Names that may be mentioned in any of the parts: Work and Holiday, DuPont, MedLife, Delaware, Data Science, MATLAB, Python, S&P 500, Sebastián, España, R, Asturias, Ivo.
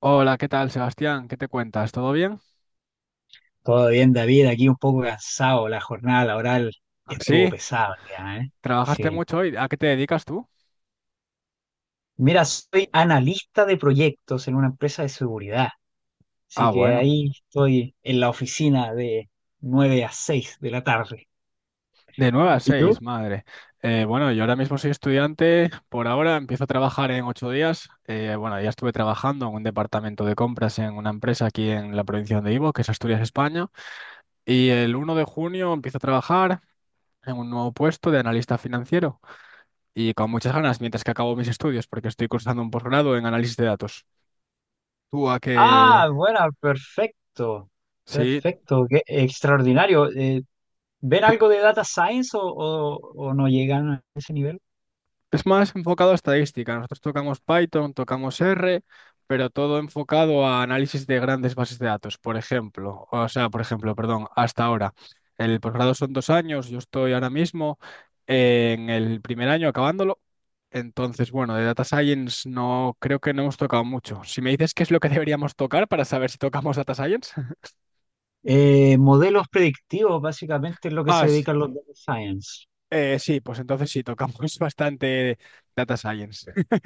Hola, ¿qué tal, Sebastián? ¿Qué te cuentas? ¿Todo bien? Todo bien, David, aquí un poco cansado, la jornada laboral estuvo Sí, pesada ya, ¿eh? trabajaste Sí. mucho hoy. ¿A qué te dedicas tú? Mira, soy analista de proyectos en una empresa de seguridad, así Ah, que bueno, ahí estoy en la oficina de 9 a 6 de la tarde. de 9 a ¿Y tú? 6, madre. Bueno, yo ahora mismo soy estudiante. Por ahora empiezo a trabajar en 8 días. Bueno, ya estuve trabajando en un departamento de compras en una empresa aquí en la provincia de Ivo, que es Asturias, España. Y el 1 de junio empiezo a trabajar en un nuevo puesto de analista financiero. Y con muchas ganas, mientras que acabo mis estudios, porque estoy cursando un posgrado en análisis de datos. ¿Tú a qué? Ah, bueno, perfecto, Sí. perfecto, qué extraordinario. ¿Ven Tú. algo de data science o no llegan a ese nivel? Es más enfocado a estadística. Nosotros tocamos Python, tocamos R, pero todo enfocado a análisis de grandes bases de datos, por ejemplo. O sea, por ejemplo, perdón, hasta ahora. El posgrado son 2 años, yo estoy ahora mismo en el primer año acabándolo. Entonces, bueno, de Data Science no creo que no hemos tocado mucho. Si me dices qué es lo que deberíamos tocar para saber si tocamos Data Science. Modelos predictivos, básicamente es lo que Ah, se sí, dedican los data science. Sí, pues entonces sí, tocamos bastante Data Science.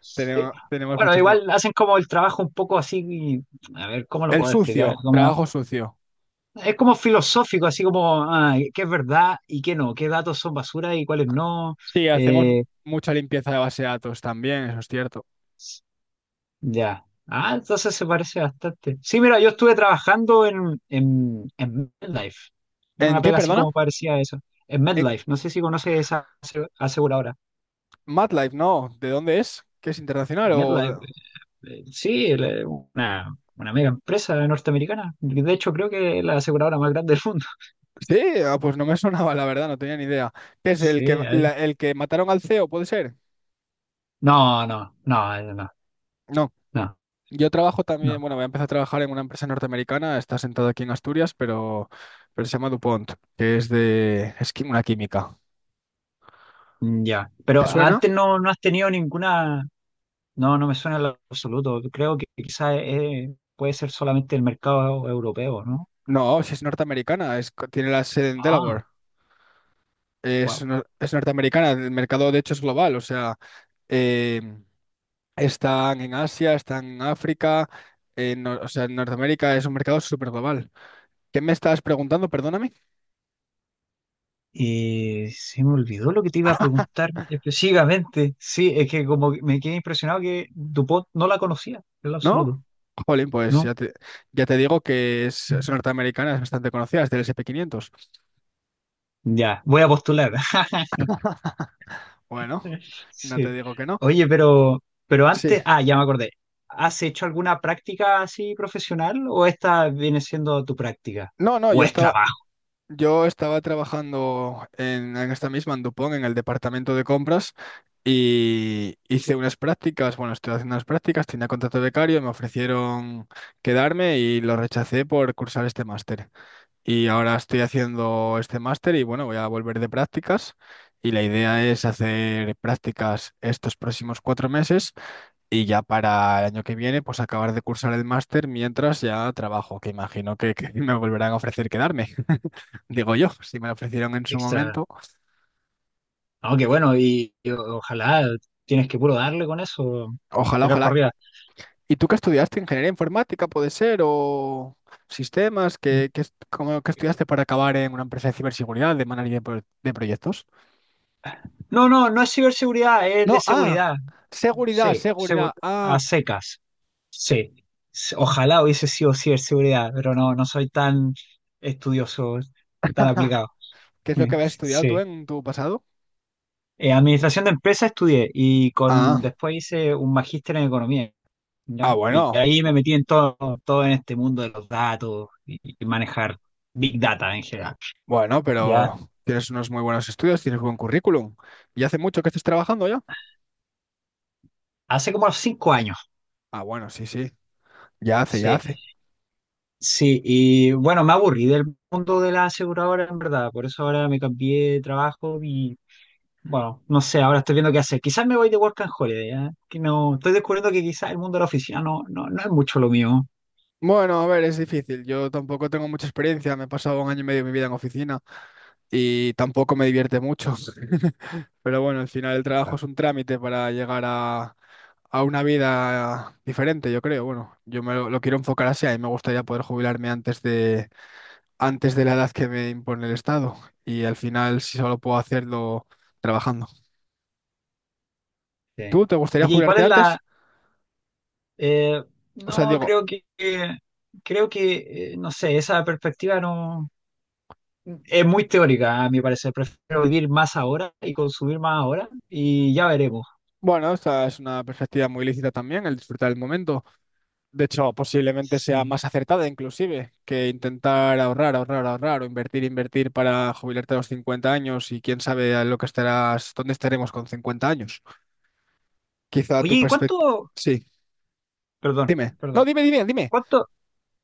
Sí. Tenemos Bueno, muchos. igual hacen como el trabajo un poco así, a ver, ¿cómo lo El puedo explicar? sucio, Como, trabajo sucio. es como filosófico, así como, ah, ¿qué es verdad y qué no? ¿Qué datos son basura y cuáles no? Sí, hacemos Eh, mucha limpieza de base de datos también, eso es cierto. ya. Ah, entonces se parece bastante. Sí, mira, yo estuve trabajando en MedLife, en ¿En una qué, pega así perdona? como parecía a eso. En En MedLife, no sé si conoces esa aseguradora. MATLAB, no. ¿De dónde es? ¿Que es internacional o...? MedLife. Sí, una mega empresa norteamericana. De hecho, creo que es la aseguradora más grande del mundo. Sí, ah, pues no me sonaba, la verdad, no tenía ni idea. ¿Qué es el Sí, que, ahí. la- el que mataron al CEO, puede ser? No, no, no, no, No. no, Yo trabajo no. también, bueno, voy a empezar a trabajar en una empresa norteamericana, está sentado aquí en Asturias, pero se llama DuPont, que es de... es qui- una química. Mm, ya. ¿Te Pero suena? antes no, no has tenido ninguna. No, no me suena en lo absoluto. Creo que quizás puede ser solamente el mercado europeo, ¿no? No, si es norteamericana, tiene la sede en Ah, Delaware. Es, wow. no- es norteamericana, el mercado de hecho es global, o sea, eh, están en Asia, están en África, en Nor- o sea, en Norteamérica es un mercado súper global. ¿Qué me estás preguntando? Perdóname, Y se me olvidó lo que te iba a preguntar específicamente. Sí, es que como que me quedé impresionado que DuPont no la conocía, en lo ¿no? absoluto, Jolín, pues ¿no? ya te, ya te digo que es norteamericana, es bastante conocida, es del S&P 500. Ya, voy a postular. Bueno, no te Sí. digo que no. Oye, pero Sí. antes, ya me acordé. ¿Has hecho alguna práctica así profesional o esta viene siendo tu práctica? No, no, ¿O yo es estaba, trabajo Yo estaba trabajando en esta misma, en Dupont, en el departamento de compras, y hice unas prácticas, bueno, estoy haciendo unas prácticas, tenía contrato de becario, me ofrecieron quedarme y lo rechacé por cursar este máster. Y ahora estoy haciendo este máster y bueno, voy a volver de prácticas y la idea es hacer prácticas estos próximos 4 meses y ya para el año que viene, pues acabar de cursar el máster mientras ya trabajo, que imagino que me volverán a ofrecer quedarme. Digo yo, si me lo ofrecieron en su extra? momento. No, qué bueno, y ojalá tienes que puro darle con eso, Ojalá, tirar ojalá. para arriba. ¿Y tú qué estudiaste? ¿Ingeniería informática puede ser? ¿O sistemas? ¿Qué estudiaste para acabar en una empresa de ciberseguridad, de manager de proyectos? No, no, no es ciberseguridad, es de No, seguridad. seguridad, Sí, seguridad. a Ah, secas. Sí. Ojalá hubiese sido ciberseguridad, pero no, no soy tan estudioso, tan aplicado. ¿qué es lo que habías estudiado Sí. tú en tu pasado? Administración de empresas estudié y con Ah, después hice un magíster en economía, ah, ¿ya? Y bueno. ahí me metí en todo, todo en este mundo de los datos y manejar big data en general, Bueno, ¿ya? pero tienes unos muy buenos estudios, tienes buen currículum. ¿Y hace mucho que estés trabajando ya? Hace como 5 años, Ah, bueno, sí, sí. Ya hace, ya sí. hace. Sí, y bueno, me aburrí del mundo de la aseguradora, en verdad, por eso ahora me cambié de trabajo y bueno, no sé, ahora estoy viendo qué hacer. Quizás me voy de Work and Holiday, ¿ya? Que no, estoy descubriendo que quizás el mundo de la oficina no, no, no es mucho lo mío. Bueno, a ver, es difícil. Yo tampoco tengo mucha experiencia. Me he pasado un año y medio de mi vida en oficina y tampoco me divierte mucho. Pero bueno, al final el trabajo es un trámite para llegar a una vida diferente, yo creo. Bueno, yo me lo quiero enfocar así. A mí me gustaría poder jubilarme antes de la edad que me impone el Estado. Y al final, si solo puedo hacerlo trabajando. Sí. ¿Tú te gustaría Oye, ¿y cuál jubilarte es la? antes? Eh, O sea, no, digo, no sé, esa perspectiva no es muy teórica, a mi parecer. Prefiero vivir más ahora y consumir más ahora y ya veremos. bueno, esta es una perspectiva muy lícita también, el disfrutar del momento. De hecho, posiblemente sea Sí. más acertada inclusive que intentar ahorrar, ahorrar, ahorrar o invertir, invertir para jubilarte a los 50 años y quién sabe a lo que estarás, dónde estaremos con 50 años. Quizá tu Oye, ¿y perspectiva... cuánto, Sí, perdón, dime. No, perdón, dime, dime, dime. cuánto,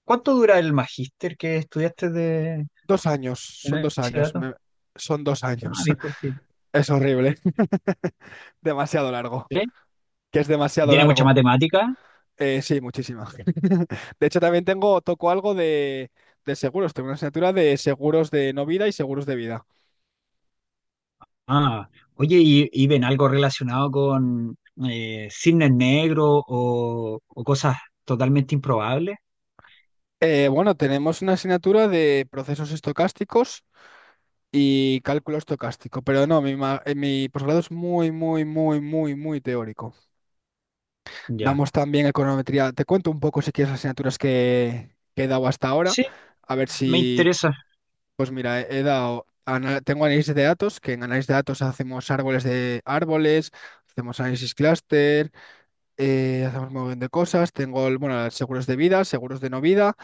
cuánto dura el magíster que estudiaste de, 2 años, de son dos análisis de años, datos? Son dos Ah, años. bien cortito. Es horrible, demasiado largo, ¿Sí? que es ¿Y demasiado tiene mucha largo. matemática? Sí, muchísima. De hecho, también tengo, toco algo de seguros. Tengo una asignatura de seguros de no vida y seguros de vida. Ah, oye, y ven algo relacionado con cisnes negros o cosas totalmente improbables. Bueno, tenemos una asignatura de procesos estocásticos y cálculo estocástico, pero no, mi posgrado es muy, muy, muy, muy, muy teórico. Ya. Damos también econometría. Te cuento un poco si quieres las asignaturas que he dado hasta ahora, Sí, a ver me si, interesa. Pues mira, he dado, tengo análisis de datos, que en análisis de datos hacemos árboles de árboles, hacemos análisis clúster, hacemos un montón de cosas. Tengo, bueno, seguros de vida, seguros de no vida.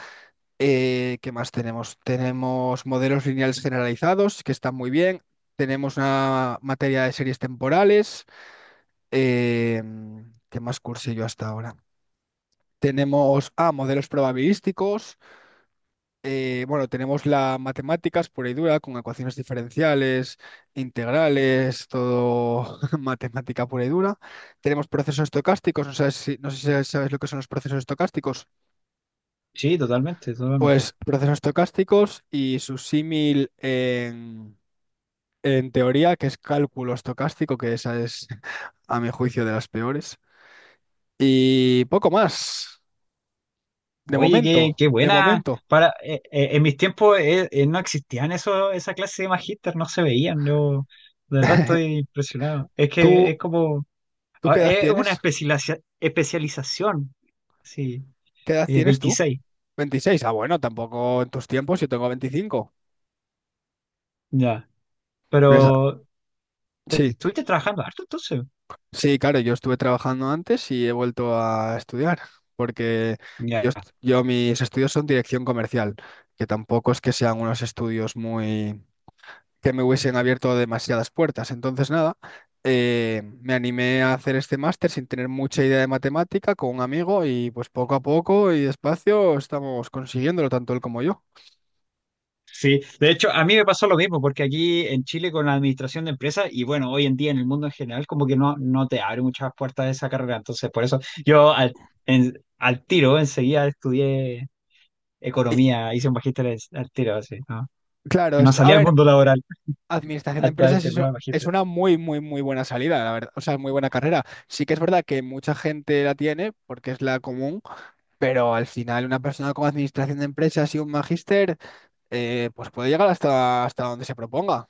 ¿Qué más tenemos? Tenemos modelos lineales generalizados, que están muy bien. Tenemos una materia de series temporales. eh, ¿qué más cursé yo hasta ahora? Tenemos modelos probabilísticos. Bueno, tenemos las matemáticas pura y dura, con ecuaciones diferenciales, integrales, todo matemática pura y dura. Tenemos procesos estocásticos, no sé si sabes lo que son los procesos estocásticos. Sí, totalmente, totalmente. Pues procesos estocásticos y su símil en teoría, que es cálculo estocástico, que esa es, a mi juicio, de las peores. Y poco más, de Oye, qué, momento, qué de buena. momento. En mis tiempos no existían eso, esa clase de magíster, no se veían. Yo, de verdad, estoy impresionado. Es que ¿Tú, es como, tú qué ahora, edad es una tienes? Especialización. Sí, ¿Qué edad tienes tú? 26. Veintiséis, bueno, tampoco en tus tiempos, yo tengo 25, Ya. Esa- Pero Sí, estuviste trabajando harto entonces. sí, claro, yo estuve trabajando antes y he vuelto a estudiar, porque yo, Ya, est- yo mis estudios son dirección comercial, que tampoco es que sean unos estudios muy... que me hubiesen abierto demasiadas puertas. Entonces, nada, me animé a hacer este máster sin tener mucha idea de matemática con un amigo y pues poco a poco y despacio estamos consiguiéndolo, tanto él como yo. sí. De hecho, a mí me pasó lo mismo, porque aquí en Chile con la administración de empresas, y bueno, hoy en día en el mundo en general, como que no, no te abre muchas puertas esa carrera. Entonces, por eso yo al, al tiro enseguida estudié Y, economía, hice un magíster al tiro, así, ¿no? claro, es No que, a salí al ver, mundo laboral Administración de hasta haber empresas es, terminado el es magíster. una muy, muy, muy buena salida, la verdad. O sea, muy buena carrera. Sí que es verdad que mucha gente la tiene porque es la común, pero al final una persona con administración de empresas y un magíster, pues puede llegar hasta donde se proponga. O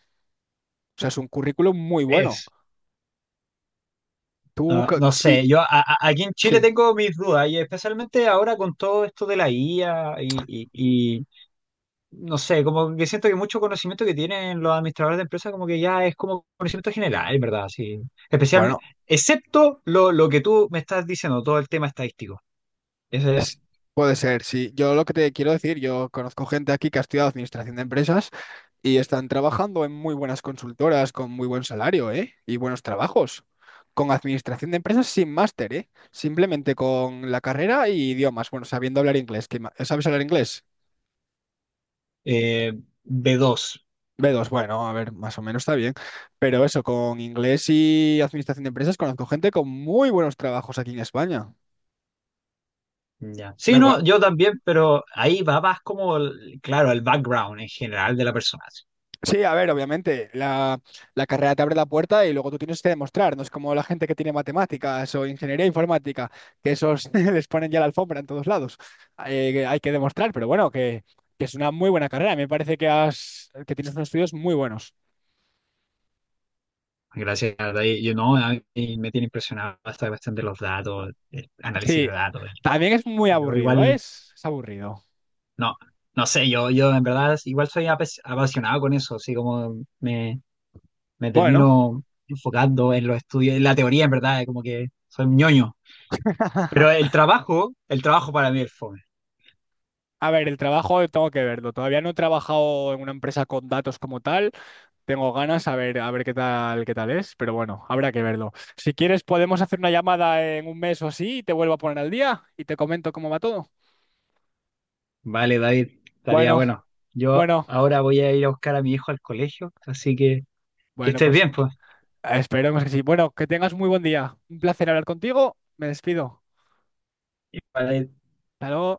sea, es un currículum muy bueno. Es. Tú, No, no y, sé, aquí en Chile sí. tengo mis dudas, y especialmente ahora con todo esto de la IA y no sé, como que siento que mucho conocimiento que tienen los administradores de empresas como que ya es como conocimiento general, en verdad, sí. Especialmente, Bueno, excepto lo que tú me estás diciendo, todo el tema estadístico. Ese Es- Puede ser, sí. Yo lo que te quiero decir, yo conozco gente aquí que ha estudiado administración de empresas y están trabajando en muy buenas consultoras con muy buen salario, ¿eh? Y buenos trabajos. Con administración de empresas sin máster, ¿eh? Simplemente con la carrera y idiomas. Bueno, sabiendo hablar inglés. ¿Sabes hablar inglés? eh, B2. B2 bueno, a ver, más o menos está bien. Pero eso, con inglés y administración de empresas, conozco gente con muy buenos trabajos aquí en España. Ya. Sí, Me, no, yo también, pero ahí va más como, claro, el background en general de la persona. Sí. Sí, a ver, obviamente, la carrera te abre la puerta y luego tú tienes que demostrar, no es como la gente que tiene matemáticas o ingeniería informática, que esos les ponen ya la alfombra en todos lados. Que hay que demostrar, pero bueno, que es una muy buena carrera, me parece que tienes unos estudios muy buenos. Gracias, de ahí, yo no, a mí me tiene impresionado esta cuestión de los datos, el análisis Sí, de datos. también es muy Y yo aburrido, ¿eh? igual. es aburrido. No, no sé, yo en verdad igual soy apasionado con eso, así como me Bueno, termino enfocando en los estudios, en la teoría en verdad, como que soy un ñoño. Pero el trabajo para mí es fome. a ver, el trabajo tengo que verlo, todavía no he trabajado en una empresa con datos como tal. Tengo ganas a ver qué tal es, pero bueno, habrá que verlo. Si quieres, podemos hacer una llamada en un mes o así y te vuelvo a poner al día y te comento cómo va todo. Vale, David, estaría Bueno, bueno. Yo bueno, ahora voy a ir a buscar a mi hijo al colegio, así que bueno, estés pues bien, pues. esperemos que sí. Bueno, que tengas muy buen día. Un placer hablar contigo. Me despido. Y para Hasta luego.